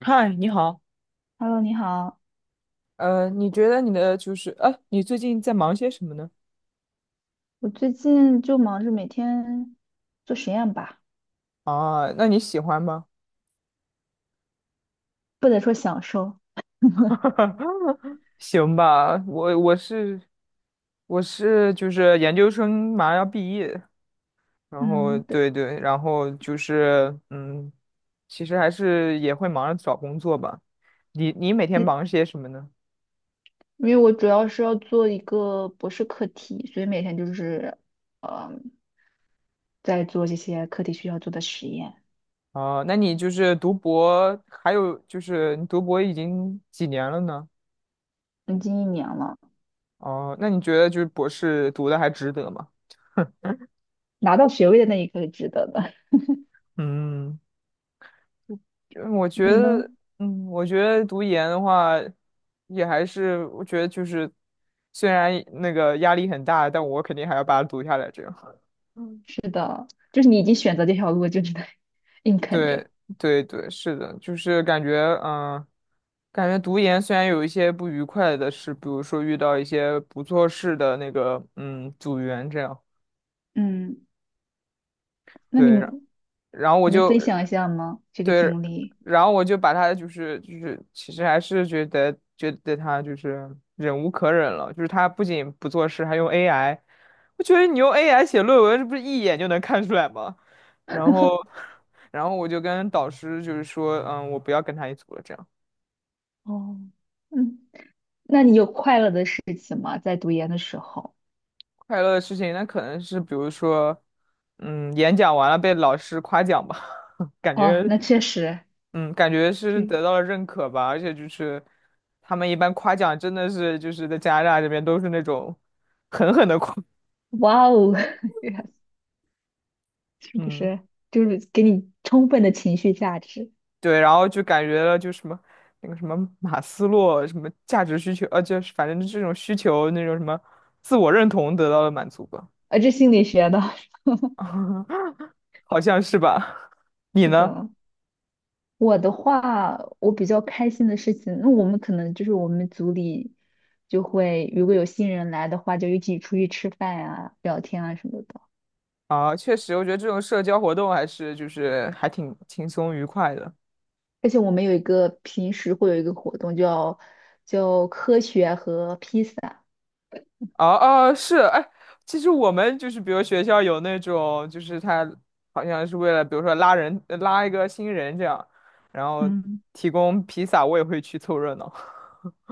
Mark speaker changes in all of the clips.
Speaker 1: 嗨，你好。
Speaker 2: Hello，你好，
Speaker 1: 你觉得你的就是，你最近在忙些什么呢？
Speaker 2: 我最近就忙着每天做实验吧，
Speaker 1: 啊，那你喜欢吗？
Speaker 2: 不能说享受，
Speaker 1: 行吧，我是就是研究生马上要毕业，然后
Speaker 2: 嗯，对，
Speaker 1: 对对，然后就是其实还是也会忙着找工作吧。你每天
Speaker 2: 诶
Speaker 1: 忙些什么呢？
Speaker 2: 因为我主要是要做一个博士课题，所以每天就是，呃，在做这些课题需要做的实验。
Speaker 1: 啊，那你就是读博，还有就是你读博已经几年了呢？
Speaker 2: 已经一年了，
Speaker 1: 哦，那你觉得就是博士读的还值得吗？
Speaker 2: 拿到学位的那一刻是值得的。
Speaker 1: 嗯就我 觉
Speaker 2: 你呢？
Speaker 1: 得，我觉得读研的话，也还是我觉得就是，虽然那个压力很大，但我肯定还要把它读下来。这样，嗯，
Speaker 2: 是的，就是你已经选择这条路，就只能 硬啃着。
Speaker 1: 对对对，是的，就是感觉，嗯，感觉读研虽然有一些不愉快的事，比如说遇到一些不做事的那个，组员这样，
Speaker 2: 嗯，那你
Speaker 1: 对，然
Speaker 2: 你
Speaker 1: 然后我
Speaker 2: 能
Speaker 1: 就。
Speaker 2: 分享一下吗？这个
Speaker 1: 对，
Speaker 2: 经历？
Speaker 1: 然后我就把他就是，其实还是觉得他就是忍无可忍了，就是他不仅不做事，还用 AI。我觉得你用 AI 写论文，这不是一眼就能看出来吗？然后，然后我就跟导师就是说，我不要跟他一组了。这样
Speaker 2: 哦，嗯。那你有快乐的事情吗？在读研的时候？
Speaker 1: 快乐的事情，那可能是比如说，演讲完了被老师夸奖吧，感
Speaker 2: 哦，
Speaker 1: 觉
Speaker 2: 那确实
Speaker 1: 嗯，感觉是
Speaker 2: 是，
Speaker 1: 得到了认可吧，而且就是他们一般夸奖真的是就是在加拿大这边都是那种狠狠的夸，
Speaker 2: 哇哦，是不
Speaker 1: 嗯，
Speaker 2: 是？就是给你充分的情绪价值，
Speaker 1: 对，然后就感觉了就什么那个什么马斯洛什么价值需求，就是反正这种需求那种什么自我认同得到了满足吧，
Speaker 2: 啊，这心理学的，
Speaker 1: 好像是吧？你
Speaker 2: 是
Speaker 1: 呢？
Speaker 2: 的。我的话，我比较开心的事情，那我们可能就是我们组里就会，如果有新人来的话，就一起出去吃饭啊、聊天啊什么的。
Speaker 1: 啊，确实，我觉得这种社交活动还是就是还挺轻松愉快的。
Speaker 2: 而且我们有一个平时会有一个活动叫叫科学和披萨，
Speaker 1: 哦哦，是，哎，其实我们就是，比如学校有那种，就是他好像是为了，比如说拉人，拉一个新人这样，然后
Speaker 2: 嗯。
Speaker 1: 提供披萨，我也会去凑热闹，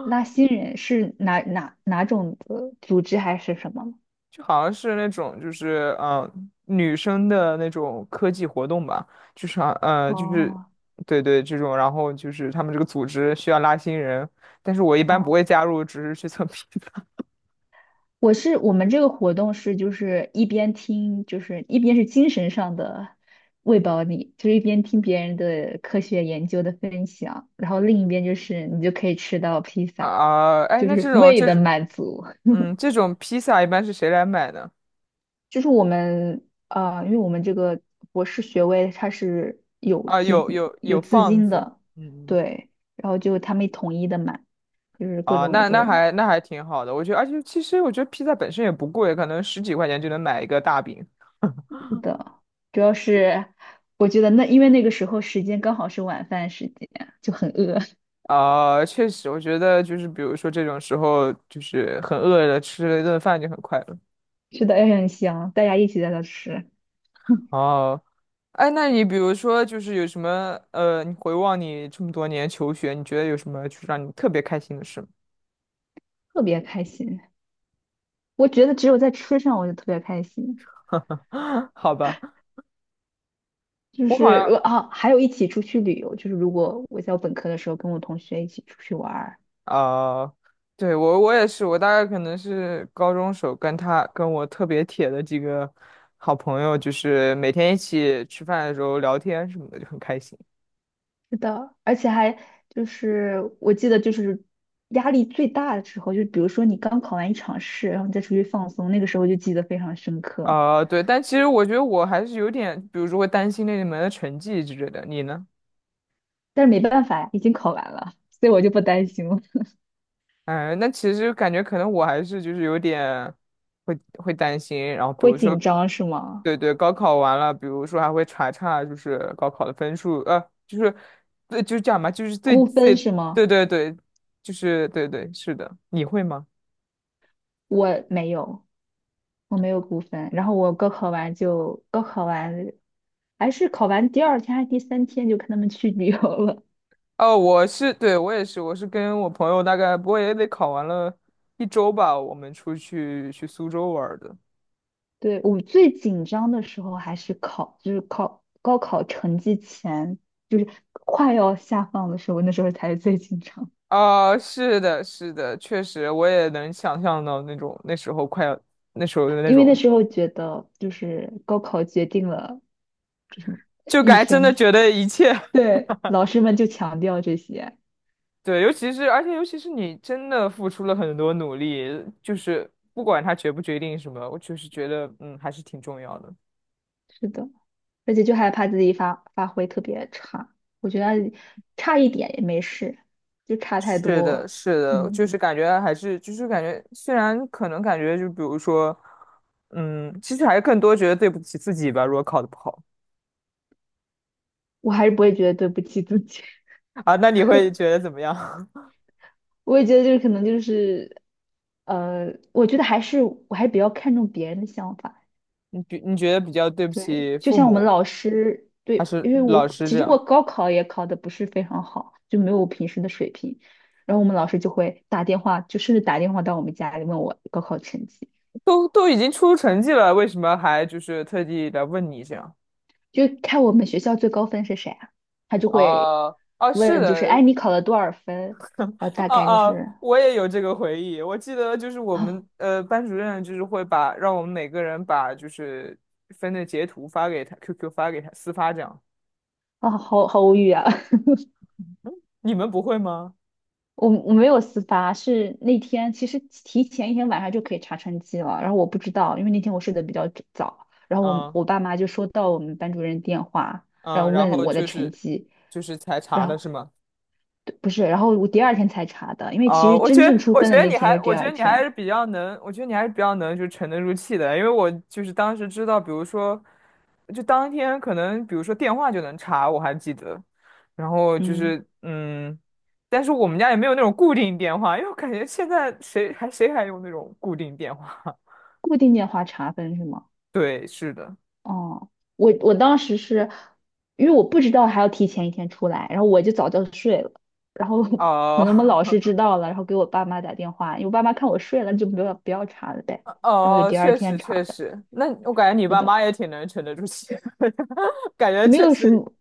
Speaker 2: 拉新人是哪种的组织还是什么吗？
Speaker 1: 就好像是那种，就是女生的那种科技活动吧，就是好就是
Speaker 2: 哦
Speaker 1: 对对这种，然后就是他们这个组织需要拉新人，但是我一般不
Speaker 2: 哦，
Speaker 1: 会加入，只是去蹭披萨
Speaker 2: 我是我们这个活动是就是一边听，就是一边是精神上的喂饱你，就是一边听别人的科学研究的分享，然后另一边就是你就可以吃到披 萨，
Speaker 1: 啊、哎，
Speaker 2: 就
Speaker 1: 那
Speaker 2: 是
Speaker 1: 这种
Speaker 2: 胃的
Speaker 1: 这
Speaker 2: 满足。
Speaker 1: 嗯，这种披萨一般是谁来买呢？
Speaker 2: 就是我们啊，因为我们这个博士学位它是有
Speaker 1: 啊，
Speaker 2: 基
Speaker 1: 有
Speaker 2: 金
Speaker 1: 有
Speaker 2: 有
Speaker 1: 有
Speaker 2: 资
Speaker 1: 放
Speaker 2: 金
Speaker 1: 子
Speaker 2: 的，
Speaker 1: 嗯，
Speaker 2: 对，然后就他们统一的买，就是各
Speaker 1: 啊，
Speaker 2: 种
Speaker 1: 那
Speaker 2: 就
Speaker 1: 那
Speaker 2: 是
Speaker 1: 还那还挺好的，我觉得，而且其实我觉得披萨本身也不贵，可能十几块钱就能买一个大饼
Speaker 2: 的，主要是我觉得那因为那个时候时间刚好是晚饭时间，就很饿，
Speaker 1: 啊，确实，我觉得就是比如说这种时候，就是很饿了，吃了一顿饭就很快乐。
Speaker 2: 吃的也很香，大家一起在那吃，
Speaker 1: 哦，哎，那你比如说就是有什么你回望你这么多年求学，你觉得有什么就是让你特别开心的事吗？
Speaker 2: 特别开心。我觉得只有在吃上我就特别开心，
Speaker 1: 好吧，
Speaker 2: 就
Speaker 1: 我好像
Speaker 2: 是我啊，还有一起出去旅游，就是如果我在我本科的时候跟我同学一起出去玩
Speaker 1: 啊、对，我也是，我大概可能是高中时候跟我特别铁的几个好朋友，就是每天一起吃饭的时候聊天什么的，就很开心。
Speaker 2: 是的，而且还就是我记得就是压力最大的时候，就比如说你刚考完一场试，然后你再出去放松，那个时候就记得非常深刻。
Speaker 1: 啊、对，但其实我觉得我还是有点，比如说会担心那你们的成绩之类的。你呢？
Speaker 2: 但是没办法呀，已经考完了，所以我就不担心了。
Speaker 1: 哎，那其实感觉可能我还是就是有点会担心，然后比
Speaker 2: 会
Speaker 1: 如说，
Speaker 2: 紧张是吗？
Speaker 1: 对对，高考完了，比如说还会查查就是高考的分数，就是对，就是这样吧，就是最
Speaker 2: 估分
Speaker 1: 最
Speaker 2: 是吗？
Speaker 1: 对对对，就是对对是的，你会吗？
Speaker 2: 我没有，我没有估分。然后我高考完就高考完，还是考完第二天还是第三天就跟他们去旅游了。
Speaker 1: 哦，对，我也是，我是跟我朋友大概不过也得考完了一周吧，我们出去去苏州玩儿的。
Speaker 2: 对，我最紧张的时候还是就是考高考成绩前，就是快要下放的时候，那时候才是最紧张，
Speaker 1: 啊、是的，是的，确实，我也能想象到那种那时候快要那时候的那
Speaker 2: 因为那
Speaker 1: 种
Speaker 2: 时候觉得就是高考决定了，就什么
Speaker 1: 就
Speaker 2: 一
Speaker 1: 感觉真的
Speaker 2: 生，
Speaker 1: 觉得一切，
Speaker 2: 对，老师们就强调这些，
Speaker 1: 对，尤其是而且尤其是你真的付出了很多努力，就是不管他决不决定什么，我就是觉得还是挺重要的。
Speaker 2: 是的，而且就害怕自己发挥特别差，我觉得差一点也没事，就差太
Speaker 1: 是的，
Speaker 2: 多，
Speaker 1: 是的，就
Speaker 2: 嗯，
Speaker 1: 是感觉还是就是感觉，虽然可能感觉就比如说，其实还是更多觉得对不起自己吧。如果考的不好
Speaker 2: 我还是不会觉得对不起自己。
Speaker 1: 啊，那你会觉得怎么样？
Speaker 2: 我也觉得就是可能就是，我觉得还是我还比较看重别人的想法。
Speaker 1: 你觉得比较对不
Speaker 2: 对，
Speaker 1: 起
Speaker 2: 就
Speaker 1: 父
Speaker 2: 像我们
Speaker 1: 母
Speaker 2: 老师，
Speaker 1: 还
Speaker 2: 对，
Speaker 1: 是
Speaker 2: 因为
Speaker 1: 老
Speaker 2: 我
Speaker 1: 师
Speaker 2: 其
Speaker 1: 这
Speaker 2: 实
Speaker 1: 样？
Speaker 2: 我高考也考的不是非常好，就没有我平时的水平。然后我们老师就会打电话，就甚至打电话到我们家里问我高考成绩，
Speaker 1: 都已经出成绩了，为什么还就是特地来问你这样？
Speaker 2: 就看我们学校最高分是谁啊，他就会
Speaker 1: 哦哦，是
Speaker 2: 问，就是哎
Speaker 1: 的，
Speaker 2: 你考了多少分？然后大
Speaker 1: 哦
Speaker 2: 概就
Speaker 1: 哦，
Speaker 2: 是
Speaker 1: 我也有这个回忆。我记得就是我们
Speaker 2: 啊
Speaker 1: 班主任就是会把让我们每个人把就是分的截图发给他，QQ 发给他，私发这样。
Speaker 2: 啊好无语啊，
Speaker 1: 你们不会吗？
Speaker 2: 我没有私发，是那天其实提前一天晚上就可以查成绩了，然后我不知道，因为那天我睡得比较早，然后我
Speaker 1: 嗯
Speaker 2: 我爸妈就收到我们班主任电话，然
Speaker 1: 嗯，
Speaker 2: 后
Speaker 1: 然
Speaker 2: 问
Speaker 1: 后
Speaker 2: 我的
Speaker 1: 就
Speaker 2: 成
Speaker 1: 是
Speaker 2: 绩，
Speaker 1: 就是才查
Speaker 2: 然
Speaker 1: 的
Speaker 2: 后
Speaker 1: 是吗？
Speaker 2: 对不是，然后我第二天才查的，因为其
Speaker 1: 哦，
Speaker 2: 实真正出分的那天是第
Speaker 1: 我觉
Speaker 2: 二
Speaker 1: 得你还
Speaker 2: 天，
Speaker 1: 是比较能，我觉得你还是比较能，就沉得住气的。因为我就是当时知道，比如说，就当天可能，比如说电话就能查，我还记得。然后就
Speaker 2: 嗯，
Speaker 1: 是，但是我们家也没有那种固定电话，因为我感觉现在谁还用那种固定电话？
Speaker 2: 固定电话查分是吗？
Speaker 1: 对，是的。
Speaker 2: 哦，我当时是因为我不知道还要提前一天出来，然后我就早就睡了，然后 可
Speaker 1: 哦，
Speaker 2: 能我们老师知道了，然后给我爸妈打电话，因为我爸妈看我睡了就不要查了呗，然后就
Speaker 1: 哦，
Speaker 2: 第二
Speaker 1: 确
Speaker 2: 天
Speaker 1: 实确
Speaker 2: 查的，
Speaker 1: 实，那我感觉你
Speaker 2: 是
Speaker 1: 爸
Speaker 2: 的，
Speaker 1: 妈也挺能沉得住气的，感觉
Speaker 2: 没
Speaker 1: 确
Speaker 2: 有什
Speaker 1: 实，
Speaker 2: 么，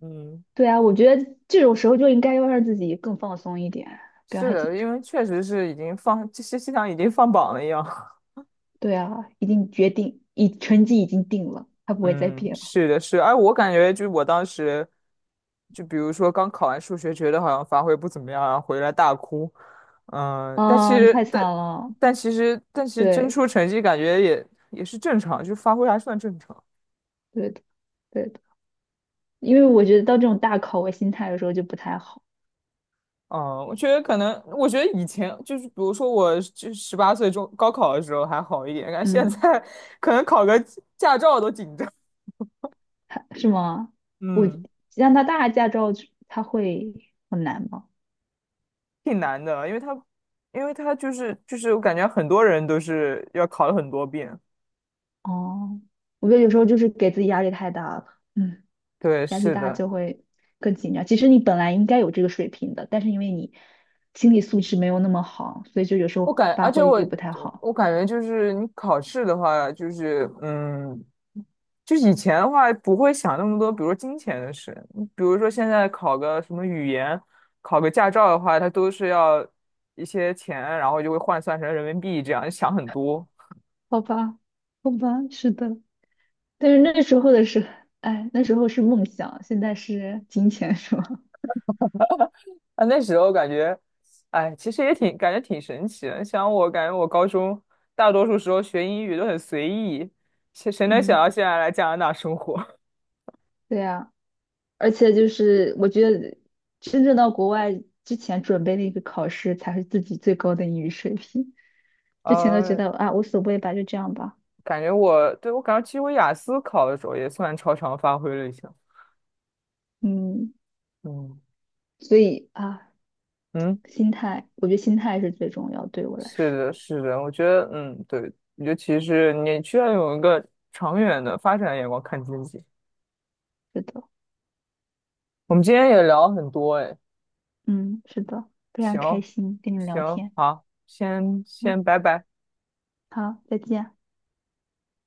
Speaker 1: 嗯。
Speaker 2: 对啊，我觉得这种时候就应该要让自己更放松一点，不要
Speaker 1: 是
Speaker 2: 太紧
Speaker 1: 的，
Speaker 2: 张。
Speaker 1: 因为确实是已经放，这些像已经放榜了一样。
Speaker 2: 对啊，已经决定，已成绩已经定了，它不会再
Speaker 1: 嗯，
Speaker 2: 变了。
Speaker 1: 是的，是的。哎，我感觉就我当时，就比如说刚考完数学，觉得好像发挥不怎么样啊，然后回来大哭。嗯，但其
Speaker 2: 啊，太
Speaker 1: 实，
Speaker 2: 惨
Speaker 1: 但
Speaker 2: 了，
Speaker 1: 但其实真
Speaker 2: 对，
Speaker 1: 出成绩，感觉也是正常，就发挥还算正常。
Speaker 2: 对的，对的，因为我觉得到这种大考，我心态有时候就不太好。
Speaker 1: 嗯，我觉得以前就是，比如说我就18岁中高考的时候还好一点，但现
Speaker 2: 嗯，
Speaker 1: 在 可能考个驾照都紧张。
Speaker 2: 他是吗？我
Speaker 1: 嗯。
Speaker 2: 加拿大驾照他会很难吗？
Speaker 1: 挺难的，因为他，因为他就是我感觉很多人都是要考了很多遍。
Speaker 2: 哦，我觉得有时候就是给自己压力太大了，嗯，
Speaker 1: 对，
Speaker 2: 压力
Speaker 1: 是
Speaker 2: 大
Speaker 1: 的，
Speaker 2: 就会更紧张。其实你本来应该有这个水平的，但是因为你心理素质没有那么好，所以就有时候发
Speaker 1: 而且
Speaker 2: 挥
Speaker 1: 我
Speaker 2: 就不太好。
Speaker 1: 我感觉就是你考试的话，就是就是以前的话不会想那么多，比如说金钱的事，比如说现在考个什么语言，考个驾照的话，它都是要一些钱，然后就会换算成人民币，这样想很多。
Speaker 2: 好吧，好吧，是的，但是那时候的是，哎，那时候是梦想，现在是金钱，是吗？
Speaker 1: 啊，那时候感觉，哎，其实也挺感觉挺神奇的。像我感觉我高中大多数时候学英语都很随意，谁能想
Speaker 2: 嗯，
Speaker 1: 到现在来加拿大生活？
Speaker 2: 对呀、而且就是我觉得真正到国外之前准备那个考试才是自己最高的英语水平，之前都觉
Speaker 1: 呃，
Speaker 2: 得啊无所谓吧，就这样吧，
Speaker 1: 感觉我对我感觉其实我雅思考的时候也算超常发挥了一下。
Speaker 2: 嗯，
Speaker 1: 嗯
Speaker 2: 所以啊
Speaker 1: 嗯，
Speaker 2: 心态，我觉得心态是最重要，对我来
Speaker 1: 是
Speaker 2: 说，
Speaker 1: 的，是的，我觉得嗯，对，我觉得其实你需要有一个长远的发展眼光看自己。
Speaker 2: 是的，
Speaker 1: 我们今天也聊了很多，哎，
Speaker 2: 嗯，是的，非常开
Speaker 1: 行
Speaker 2: 心跟你聊
Speaker 1: 行，
Speaker 2: 天，
Speaker 1: 好，先
Speaker 2: 嗯，
Speaker 1: 先拜拜。
Speaker 2: 好，再见。